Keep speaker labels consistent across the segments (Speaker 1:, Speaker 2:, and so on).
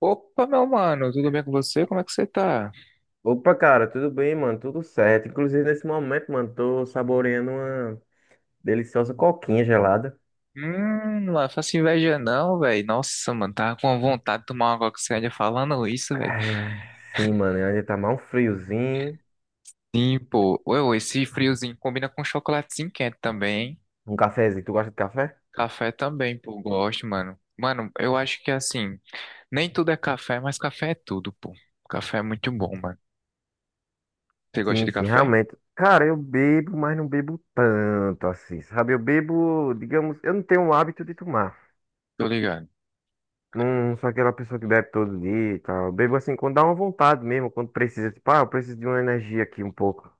Speaker 1: Opa, meu mano, tudo bem com você? Como é que você tá?
Speaker 2: Opa, cara, tudo bem, mano? Tudo certo. Inclusive, nesse momento, mano, tô saboreando uma deliciosa coquinha gelada.
Speaker 1: Não é faço inveja não, velho. Nossa, mano, tava com vontade de tomar uma coquinha falando isso, velho.
Speaker 2: Ah, sim, mano, ainda tá mal um friozinho.
Speaker 1: Sim, pô. Ué, ué, esse friozinho combina com chocolatezinho quente também, hein?
Speaker 2: Um cafezinho. Tu gosta de café?
Speaker 1: Café também, pô, gosto, mano. Mano, eu acho que assim, nem tudo é café, mas café é tudo, pô. Café é muito bom, mano. Você gosta
Speaker 2: Sim,
Speaker 1: de
Speaker 2: sim,
Speaker 1: café?
Speaker 2: realmente. Cara, eu bebo, mas não bebo tanto assim, sabe? Eu bebo, digamos, eu não tenho o hábito de tomar.
Speaker 1: Tô ligado.
Speaker 2: Não sou aquela pessoa que bebe todo dia e tal. Eu bebo assim quando dá uma vontade mesmo, quando precisa. Tipo, ah, eu preciso de uma energia aqui um pouco.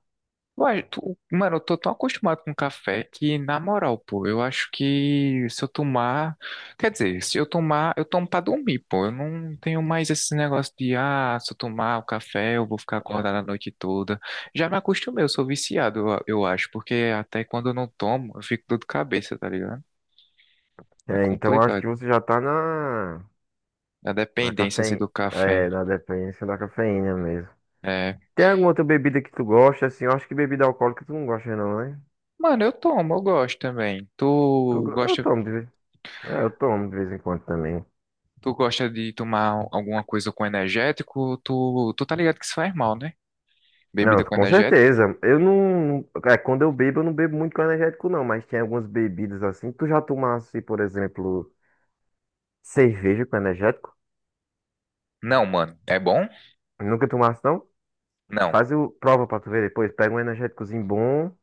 Speaker 1: Ué, mano, eu tô tão acostumado com café que, na moral, pô, eu acho que se eu tomar. Quer dizer, se eu tomar, eu tomo pra dormir, pô. Eu não tenho mais esse negócio de, se eu tomar o café, eu vou ficar acordado a noite toda. Já me acostumei, eu sou viciado, eu acho, porque até quando eu não tomo, eu fico dor de cabeça, tá ligado? É
Speaker 2: É, então acho
Speaker 1: complicado.
Speaker 2: que você já tá na.
Speaker 1: A
Speaker 2: Na
Speaker 1: dependência, assim,
Speaker 2: cafeína.
Speaker 1: do café.
Speaker 2: É, na dependência da cafeína mesmo.
Speaker 1: É.
Speaker 2: Tem alguma outra bebida que tu gosta, assim? Eu acho que bebida alcoólica tu não gosta, não, né?
Speaker 1: Mano, eu tomo, eu gosto também. Tu
Speaker 2: Eu
Speaker 1: gosta
Speaker 2: tomo de vez. É, eu tomo de vez em quando também.
Speaker 1: Tu gosta de tomar alguma coisa com energético? Tu tá ligado que isso faz mal, né?
Speaker 2: Não,
Speaker 1: Bebida com
Speaker 2: com
Speaker 1: energético?
Speaker 2: certeza. Eu não. É, quando eu bebo, eu não bebo muito com energético, não. Mas tem algumas bebidas assim. Tu já tomasse, por exemplo, cerveja com energético?
Speaker 1: Não, mano. É bom?
Speaker 2: Nunca tomasse, não?
Speaker 1: Não.
Speaker 2: Faz o. Prova pra tu ver depois. Pega um energéticozinho bom,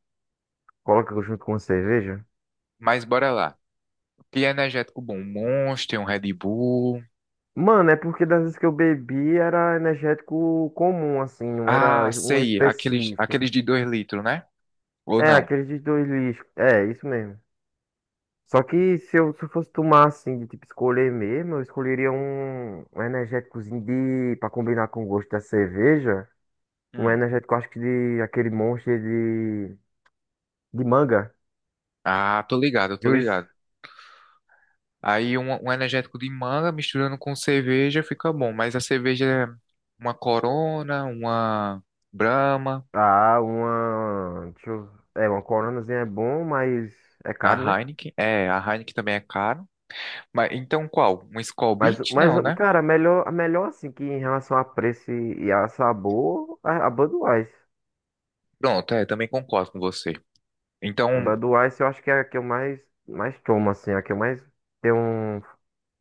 Speaker 2: coloca junto com uma cerveja.
Speaker 1: Mas bora lá. Que energético bom? Um Monster, um Red Bull.
Speaker 2: Mano, é porque das vezes que eu bebi era energético comum, assim, não
Speaker 1: Ah,
Speaker 2: era um
Speaker 1: sei. Aqueles,
Speaker 2: específico.
Speaker 1: aqueles de 2 litros, né? Ou
Speaker 2: É,
Speaker 1: não?
Speaker 2: aqueles de dois lixos. É, isso mesmo. Só que se eu fosse tomar, assim, de tipo escolher mesmo, eu escolheria um, um energéticozinho de, pra combinar com o gosto da cerveja. Um
Speaker 1: Hum.
Speaker 2: energético, acho que de aquele monstro de manga.
Speaker 1: Ah, tô ligado, tô
Speaker 2: Juice.
Speaker 1: ligado. Aí um energético de manga misturando com cerveja fica bom. Mas a cerveja é uma Corona, uma Brahma,
Speaker 2: Ah, uma. Deixa eu, é, uma coronazinha é bom, mas é
Speaker 1: a
Speaker 2: caro, né?
Speaker 1: Heineken. É, a Heineken também é cara. Mas então qual? Um Skol
Speaker 2: Mas,
Speaker 1: Beats?
Speaker 2: mas,
Speaker 1: Não, né?
Speaker 2: cara, a melhor assim que em relação a preço e a sabor, a Budweiser.
Speaker 1: Pronto, é, também concordo com você.
Speaker 2: A
Speaker 1: Então,
Speaker 2: Budweiser eu acho que é a que eu mais, mais tomo, assim, a que eu mais tenho um-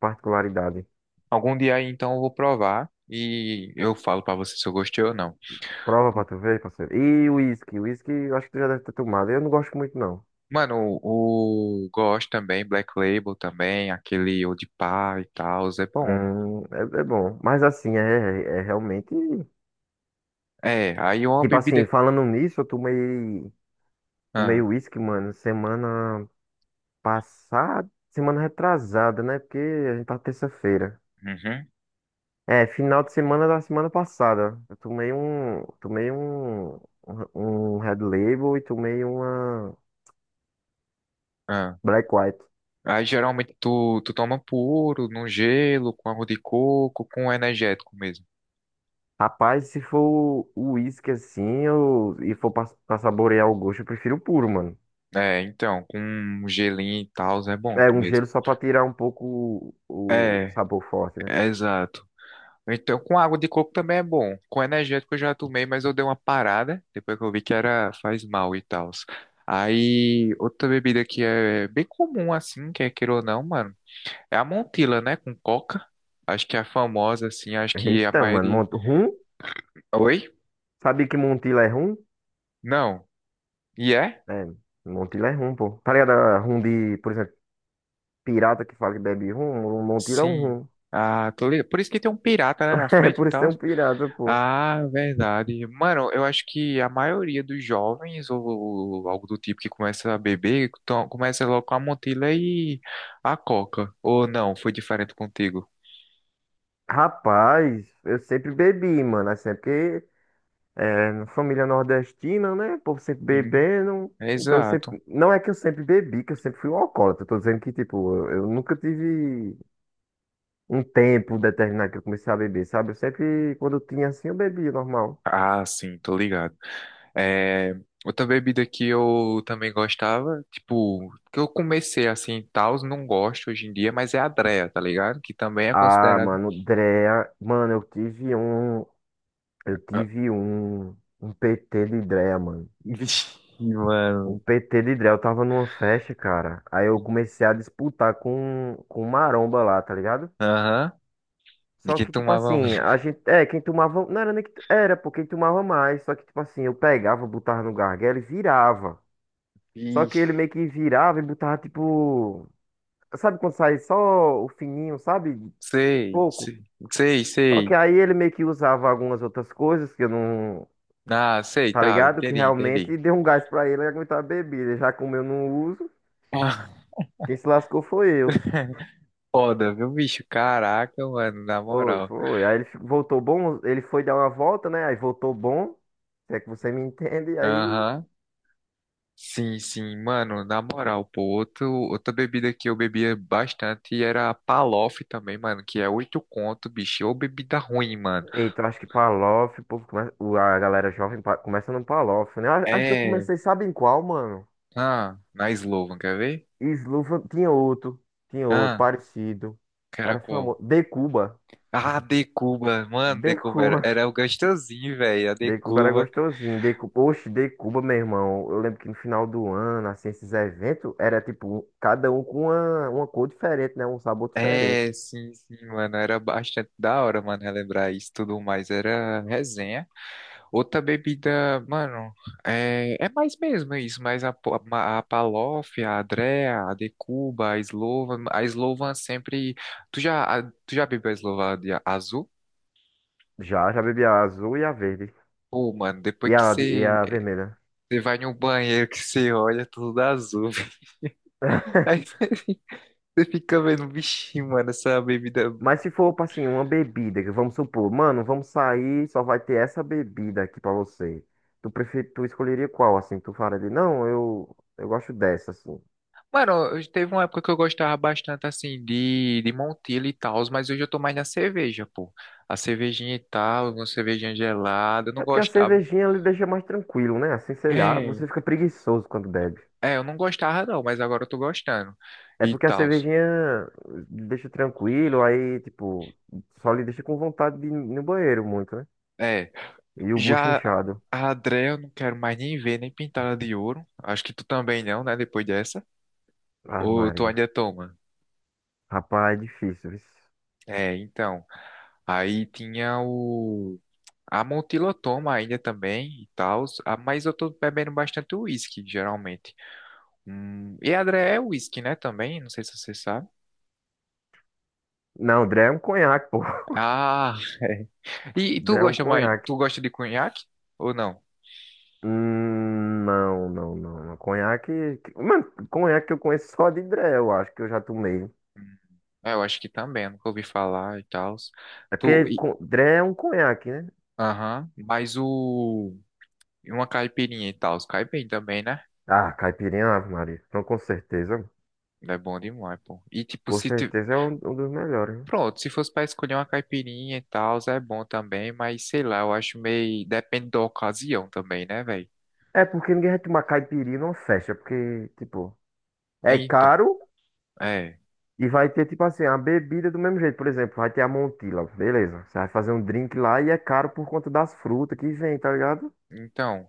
Speaker 2: particularidade.
Speaker 1: algum dia aí, então eu vou provar e eu falo pra você se eu gostei ou não.
Speaker 2: Prova pra tu ver, parceiro. E o uísque eu acho que tu já deve ter tomado. Eu não gosto muito, não.
Speaker 1: Mano, o gosto também, Black Label também, aquele Old Pie e tal, é bom.
Speaker 2: É, é bom. Mas assim, é, é é realmente.
Speaker 1: É, aí uma
Speaker 2: Tipo assim,
Speaker 1: bebida.
Speaker 2: falando nisso, eu tomei. Tomei
Speaker 1: Ah,
Speaker 2: uísque, mano, semana passada. Semana retrasada, né? Porque a gente tá terça-feira.
Speaker 1: uhum,
Speaker 2: É, final de semana da semana passada. Eu tomei um, um um Red Label e tomei uma
Speaker 1: ah.
Speaker 2: Black White.
Speaker 1: Aí geralmente tu toma puro, no gelo, com água de coco, com energético mesmo.
Speaker 2: Rapaz, se for o uísque assim, eu, e for pra, pra saborear o gosto, eu prefiro o puro, mano.
Speaker 1: É, então, com um gelinho e tal, é bom
Speaker 2: É, um
Speaker 1: mesmo.
Speaker 2: gelo só pra tirar um pouco o
Speaker 1: É,
Speaker 2: sabor forte, né?
Speaker 1: exato. Então, com água de coco também é bom. Com energético eu já tomei, mas eu dei uma parada depois que eu vi que era faz mal e tal. Aí, outra bebida que é bem comum assim, quer queira ou não, mano, é a Montila, né, com coca. Acho que é a famosa assim, acho que a
Speaker 2: Eita, mano,
Speaker 1: maioria.
Speaker 2: Mont- rum?
Speaker 1: Oi?
Speaker 2: Sabia que Montila é rum?
Speaker 1: Não. E é?
Speaker 2: É, Montila é rum, pô. Tá ligado? A Rum de, por exemplo, pirata que fala que bebe rum, Montila é um
Speaker 1: Sim.
Speaker 2: rum.
Speaker 1: Ah, tô ligado. Por isso que tem um pirata, né, na
Speaker 2: É,
Speaker 1: frente e
Speaker 2: por isso
Speaker 1: tal.
Speaker 2: tem um pirata, pô.
Speaker 1: Ah, verdade. Mano, eu acho que a maioria dos jovens ou, algo do tipo que começa a beber, começa logo com a Montila e a Coca. Ou não, foi diferente contigo?
Speaker 2: Rapaz, eu sempre bebi, mano. Assim, é porque é, na família nordestina, né? O povo sempre
Speaker 1: Sim,
Speaker 2: bebendo. Então, eu
Speaker 1: exato.
Speaker 2: sempre... não é que eu sempre bebi, que eu sempre fui um alcoólatra. Eu tô dizendo que, tipo, eu nunca tive um tempo determinado que eu comecei a beber, sabe? Eu sempre, quando eu tinha assim, eu bebia normal.
Speaker 1: Ah, sim, tô ligado. É, outra bebida que eu também gostava, tipo, que eu comecei assim, tals, não gosto hoje em dia, mas é a Dreia, tá ligado? Que também é
Speaker 2: Ah,
Speaker 1: considerado.
Speaker 2: mano, Drea. Mano, eu tive um. Eu
Speaker 1: Ah,
Speaker 2: tive um. Um PT de Drea, mano.
Speaker 1: Vixe,
Speaker 2: O
Speaker 1: mano.
Speaker 2: PT de Drell tava numa festa, cara. Aí eu comecei a disputar com o maromba lá, tá ligado?
Speaker 1: Aham. De
Speaker 2: Só
Speaker 1: quem
Speaker 2: que, tipo
Speaker 1: tomava.
Speaker 2: assim, a gente. É, quem tomava. Não era nem que. Era, pô, quem tomava mais. Só que, tipo assim, eu pegava, botava no gargalo e virava. Só que ele meio que virava e botava, tipo. Sabe quando sai só o fininho, sabe?
Speaker 1: Sei,
Speaker 2: Pouco.
Speaker 1: sei, sei,
Speaker 2: Só que
Speaker 1: sei.
Speaker 2: aí ele meio que usava algumas outras coisas que eu não.
Speaker 1: Ah, sei,
Speaker 2: Tá
Speaker 1: tá,
Speaker 2: ligado? Que
Speaker 1: entendi, entendi.
Speaker 2: realmente deu um gás pra ele aguentar a bebida. Já como eu não uso,
Speaker 1: Ah,
Speaker 2: quem se lascou foi eu.
Speaker 1: foda, viu, bicho? Caraca, mano, na
Speaker 2: Foi,
Speaker 1: moral.
Speaker 2: foi. Aí ele fi- voltou bom, ele foi dar uma volta, né? Aí voltou bom. Se é que você me entende, aí.
Speaker 1: Aham. Sim, sim, mano, na moral, pô, outra bebida que eu bebia bastante era a Palof também, mano, que é 8 conto, bicho, ou bebida ruim, mano.
Speaker 2: Eita, eu acho que Palof, o povo come- o- a galera jovem pa- começa no Palof, né? A- Acho que eu
Speaker 1: É,
Speaker 2: comecei, sabe em qual, mano?
Speaker 1: na Slovan, quer ver?
Speaker 2: Slufa, tinha outro,
Speaker 1: Ah,
Speaker 2: parecido.
Speaker 1: que era
Speaker 2: Era
Speaker 1: qual?
Speaker 2: famoso. De Cuba.
Speaker 1: Ah, de Cuba, mano, de
Speaker 2: De
Speaker 1: Cuba era,
Speaker 2: Cuba.
Speaker 1: era o gostosinho, velho, a de
Speaker 2: De Cuba era
Speaker 1: Cuba.
Speaker 2: gostosinho. De Cuba. Oxe, De Cuba, meu irmão. Eu lembro que no final do ano, assim, esses eventos, era tipo, cada um com uma cor diferente, né? Um sabor diferente.
Speaker 1: É, sim, sim, mano. Era bastante da hora, mano, relembrar isso e tudo mais. Era resenha. Outra bebida, mano, é mais mesmo isso, mas a Palof, a Adrea, a Decuba, a Slovan. A Slovan sempre. Tu já bebeu a Slovan de azul?
Speaker 2: Já, já bebi a azul e a verde.
Speaker 1: Pô, mano, depois
Speaker 2: E
Speaker 1: que
Speaker 2: a, e
Speaker 1: você
Speaker 2: a vermelha.
Speaker 1: você vai no banheiro que você olha tudo azul. Aí você fica vendo, bichinho, mano, essa bebida.
Speaker 2: Mas se for, tipo assim, uma bebida, que vamos supor, mano, vamos sair, só vai ter essa bebida aqui pra você. Tu, prefer... tu escolheria qual, assim? Tu fala ali não, eu gosto dessa, assim.
Speaker 1: Mano, teve uma época que eu gostava bastante, assim, de Montila e tal, mas hoje eu tô mais na cerveja, pô. A cervejinha e tal, uma cervejinha gelada, eu não
Speaker 2: É porque a
Speaker 1: gostava.
Speaker 2: cervejinha ele deixa mais tranquilo, né? Assim, sei lá,
Speaker 1: É,
Speaker 2: você fica preguiçoso quando bebe.
Speaker 1: é, eu não gostava não, mas agora eu tô gostando
Speaker 2: É
Speaker 1: e
Speaker 2: porque a
Speaker 1: tal.
Speaker 2: cervejinha deixa tranquilo, aí, tipo, só lhe deixa com vontade de ir no banheiro muito, né?
Speaker 1: É,
Speaker 2: E o bucho
Speaker 1: já
Speaker 2: inchado.
Speaker 1: a Andrea eu não quero mais nem ver, nem pintar ela de ouro. Acho que tu também não, né, depois dessa.
Speaker 2: Ah,
Speaker 1: Ou tu
Speaker 2: Maria.
Speaker 1: ainda toma?
Speaker 2: Rapaz, é difícil, viu?
Speaker 1: É, então, aí tinha o. A Montilotoma ainda também e tal, mas eu tô bebendo bastante uísque, geralmente. E Adré é uísque, né, também? Não sei se você sabe.
Speaker 2: Não, Dré é um conhaque, pô.
Speaker 1: Ah, é. E tu
Speaker 2: Dré é um
Speaker 1: gosta mais,
Speaker 2: conhaque.
Speaker 1: tu gosta de conhaque ou não?
Speaker 2: Não, não, não. Conhaque. Mano, conhaque eu conheço só de Dré, eu acho que eu já tomei.
Speaker 1: Hum, é, eu acho que também, nunca ouvi falar e tal.
Speaker 2: É
Speaker 1: Tu,
Speaker 2: porque
Speaker 1: e-
Speaker 2: con- Dré é um conhaque, né?
Speaker 1: aham, mas e uma caipirinha e tal, cai bem também, né?
Speaker 2: Ah, caipirinha, Ave Maria. Então, com certeza.
Speaker 1: É bom demais, pô. E tipo,
Speaker 2: Com
Speaker 1: se, ti-
Speaker 2: certeza é um, um dos melhores. Né?
Speaker 1: Pronto, se fosse para escolher uma caipirinha e tal, é bom também, mas sei lá, eu acho meio. Depende da ocasião também, né, velho?
Speaker 2: É porque ninguém vai tomar caipirinha numa festa, porque, tipo, é
Speaker 1: Então,
Speaker 2: caro
Speaker 1: é.
Speaker 2: e vai ter, tipo assim, a bebida do mesmo jeito. Por exemplo, vai ter a Montila, beleza. Você vai fazer um drink lá e é caro por conta das frutas que vem, tá ligado?
Speaker 1: Então.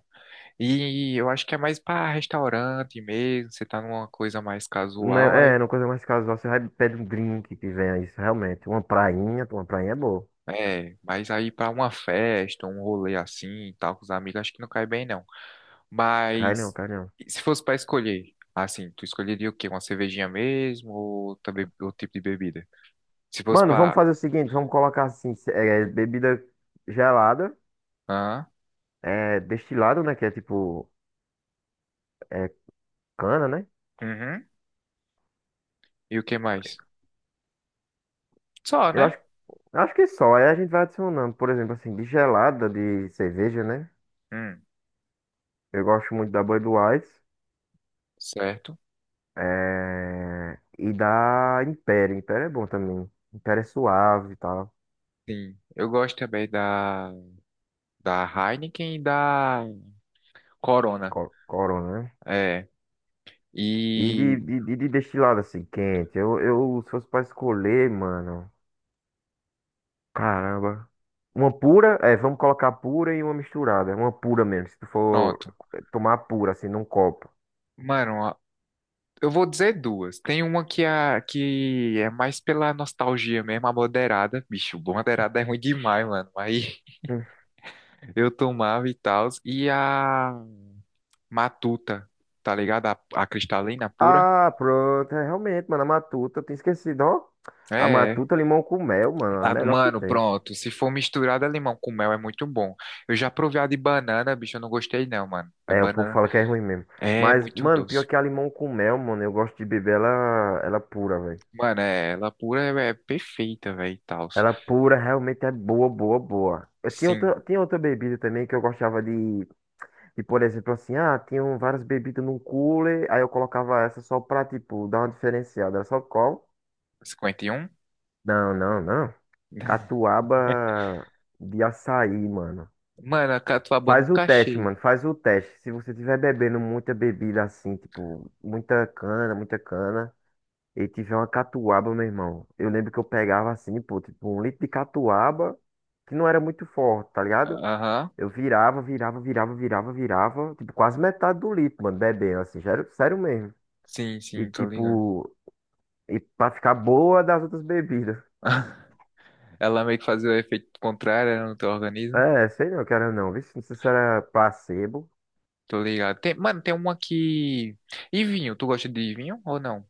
Speaker 1: E eu acho que é mais para restaurante mesmo, você tá numa coisa mais
Speaker 2: Não
Speaker 1: casual,
Speaker 2: é,
Speaker 1: aí.
Speaker 2: é, uma coisa mais casual. Você vai pede um drink que venha isso, realmente. Uma prainha é boa.
Speaker 1: É, mas aí para uma festa, um rolê assim e tal, com os amigos, acho que não cai bem, não.
Speaker 2: Cai não,
Speaker 1: Mas.
Speaker 2: cai não.
Speaker 1: E se fosse para escolher, assim, tu escolheria o quê? Uma cervejinha mesmo ou também outro tipo de bebida? Se fosse
Speaker 2: Mano, vamos
Speaker 1: para.
Speaker 2: fazer o seguinte, vamos colocar assim, se- é, bebida gelada,
Speaker 1: Hã?
Speaker 2: é, destilado, né? Que é tipo, é cana, né?
Speaker 1: Uhum. E o que mais? Só,
Speaker 2: Eu
Speaker 1: né?
Speaker 2: acho, acho que é só. Aí a gente vai adicionando, por exemplo, assim, de gelada, de cerveja, né?
Speaker 1: Hum,
Speaker 2: Eu gosto muito da Budweiser,
Speaker 1: certo.
Speaker 2: é, e da Império. Império é bom também. Império é suave e tal.
Speaker 1: Sim. Eu gosto também da Heineken e da Corona.
Speaker 2: Co- Corona, né?
Speaker 1: É.
Speaker 2: E de,
Speaker 1: E
Speaker 2: de, de, de destilado assim, quente. Eu, se fosse pra escolher, mano. Caramba. Uma pura, é, vamos colocar pura e uma misturada. Uma pura mesmo, se tu for
Speaker 1: pronto.
Speaker 2: eh, tomar pura, assim, num copo.
Speaker 1: Mano, eu vou dizer duas. Tem uma que é mais pela nostalgia mesmo, a moderada. Bicho, moderada é ruim demais, mano. Aí
Speaker 2: Hum.
Speaker 1: eu tomava e tal. E a Matuta, tá ligado? A cristalina pura.
Speaker 2: Ah, pronto. É, realmente, mano, a Matuta, eu tinha esquecido, ó.
Speaker 1: É.
Speaker 2: A
Speaker 1: É.
Speaker 2: Matuta limão com mel, mano, a
Speaker 1: Ah,
Speaker 2: melhor que
Speaker 1: mano,
Speaker 2: tem.
Speaker 1: pronto. Se for misturada limão com mel, é muito bom. Eu já provei a de banana, bicho, eu não gostei não, mano. É
Speaker 2: É, o povo
Speaker 1: banana.
Speaker 2: fala que é ruim mesmo.
Speaker 1: É
Speaker 2: Mas,
Speaker 1: muito
Speaker 2: mano,
Speaker 1: doce.
Speaker 2: pior que a limão com mel, mano, eu gosto de beber ela, ela pura, velho.
Speaker 1: Mano, é, ela pura é perfeita, velho, e tal.
Speaker 2: Ela pura realmente é boa, boa, boa. Eu
Speaker 1: Sim,
Speaker 2: tinha outra bebida também que eu gostava de, por exemplo, assim, ah, tinham várias bebidas num cooler, aí eu colocava essa só pra, tipo, dar uma diferenciada. Era só qual?
Speaker 1: 51?
Speaker 2: Não, não, não. Catuaba de açaí, mano.
Speaker 1: Mano, a catuaba eu
Speaker 2: Faz o
Speaker 1: nunca
Speaker 2: teste,
Speaker 1: achei.
Speaker 2: mano, faz o teste. Se você tiver bebendo muita bebida assim, tipo, muita cana, e tiver uma catuaba, meu irmão. Eu lembro que eu pegava assim, pô, tipo, um litro de catuaba, que não era muito forte, tá ligado?
Speaker 1: Aham.
Speaker 2: Eu virava, virava, virava, virava, virava. Tipo, quase metade do litro, mano, bebendo, assim, sério, sério mesmo.
Speaker 1: Sim,
Speaker 2: E
Speaker 1: sim, tô ligado.
Speaker 2: tipo, e pra ficar boa das outras bebidas.
Speaker 1: Ela meio que fazia o efeito contrário né, no teu organismo.
Speaker 2: É, sei não, cara, não. Vê se não sei se era placebo.
Speaker 1: Tô ligado. Tem, mano, tem uma que. E vinho? Tu gosta de vinho ou não?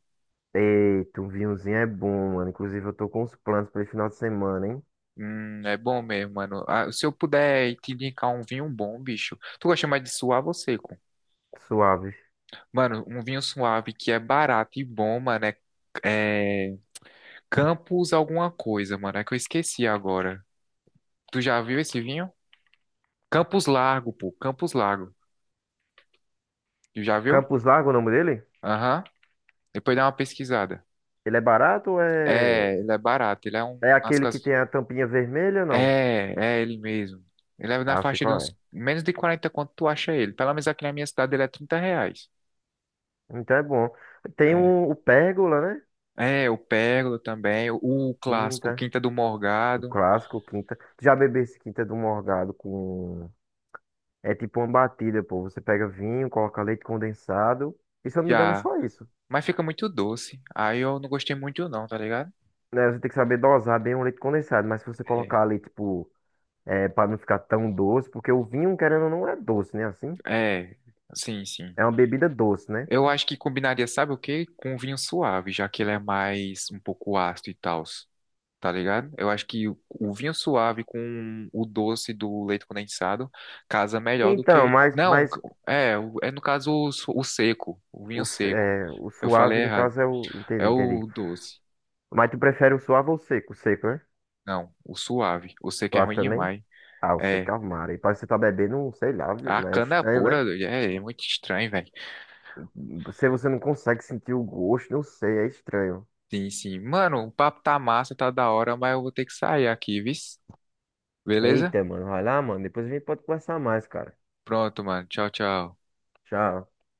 Speaker 2: Eita, um vinhozinho é bom, mano. Inclusive, eu tô com uns planos pra esse final de semana, hein?
Speaker 1: É bom mesmo, mano. Ah, se eu puder te indicar um vinho bom, bicho. Tu gosta mais de suave ou seco?
Speaker 2: Suave.
Speaker 1: Mano, um vinho suave que é barato e bom, mano, é Campos alguma coisa, mano. É que eu esqueci agora. Tu já viu esse vinho? Campos Largo, pô. Campos Largo. Tu já viu?
Speaker 2: Campos Largo, é o nome dele?
Speaker 1: Aham. Depois dá uma pesquisada.
Speaker 2: Ele é barato ou é.
Speaker 1: É, ele é barato. Ele é um.
Speaker 2: É
Speaker 1: Nas
Speaker 2: aquele que
Speaker 1: casas.
Speaker 2: tem a tampinha vermelha ou não?
Speaker 1: É, é ele mesmo. Ele é na
Speaker 2: Ah, sei
Speaker 1: faixa de
Speaker 2: qual
Speaker 1: uns,
Speaker 2: é.
Speaker 1: menos de 40. Quanto tu acha ele? Pelo menos aqui na minha cidade ele é R$ 30.
Speaker 2: Então é bom. Tem
Speaker 1: É,
Speaker 2: um, o Pérgola, né?
Speaker 1: é, o Pérola também, o clássico,
Speaker 2: Quinta.
Speaker 1: Quinta do
Speaker 2: O
Speaker 1: Morgado,
Speaker 2: clássico, quinta. Tu já bebesse quinta do morgado com. É tipo uma batida, pô. Você pega vinho, coloca leite condensado. E se eu não me engano, é
Speaker 1: já.
Speaker 2: só isso.
Speaker 1: Mas fica muito doce. Aí eu não gostei muito não, tá ligado?
Speaker 2: Né? Você tem que saber dosar bem o leite condensado. Mas se você
Speaker 1: É.
Speaker 2: colocar ali, tipo, é, pra não ficar tão doce, porque o vinho, querendo ou não, é doce, né? Assim.
Speaker 1: É, sim, sim.
Speaker 2: É uma bebida doce, né?
Speaker 1: Eu acho que combinaria, sabe o quê? Com vinho suave, já que ele é mais um pouco ácido e tal, tá ligado? Eu acho que o vinho suave com o doce do leite condensado casa melhor do
Speaker 2: Então,
Speaker 1: que.
Speaker 2: mas,
Speaker 1: Não,
Speaker 2: mas
Speaker 1: é no caso o seco, o
Speaker 2: o,
Speaker 1: vinho
Speaker 2: s-
Speaker 1: seco.
Speaker 2: é, o
Speaker 1: Eu falei
Speaker 2: suave, no
Speaker 1: errado.
Speaker 2: caso, é o. Entendi,
Speaker 1: É
Speaker 2: entendi.
Speaker 1: o doce.
Speaker 2: Mas tu prefere o suave ou o seco? O seco, né?
Speaker 1: Não, o suave. O seco é
Speaker 2: Suave
Speaker 1: ruim
Speaker 2: também?
Speaker 1: demais.
Speaker 2: Ah, o seco
Speaker 1: É.
Speaker 2: é o mar. E parece que você tá bebendo, um, sei lá, viu?
Speaker 1: A
Speaker 2: Mas é
Speaker 1: cana
Speaker 2: estranho,
Speaker 1: pura
Speaker 2: né?
Speaker 1: é muito estranho, velho.
Speaker 2: Você não consegue sentir o gosto, não sei, é estranho.
Speaker 1: Sim, sim. Mano, o papo tá massa, tá da hora, mas eu vou ter que sair aqui, viu? Beleza?
Speaker 2: Eita, mano, vai lá, mano. Depois a gente pode conversar mais, cara.
Speaker 1: Pronto, mano. Tchau, tchau.
Speaker 2: Tchau.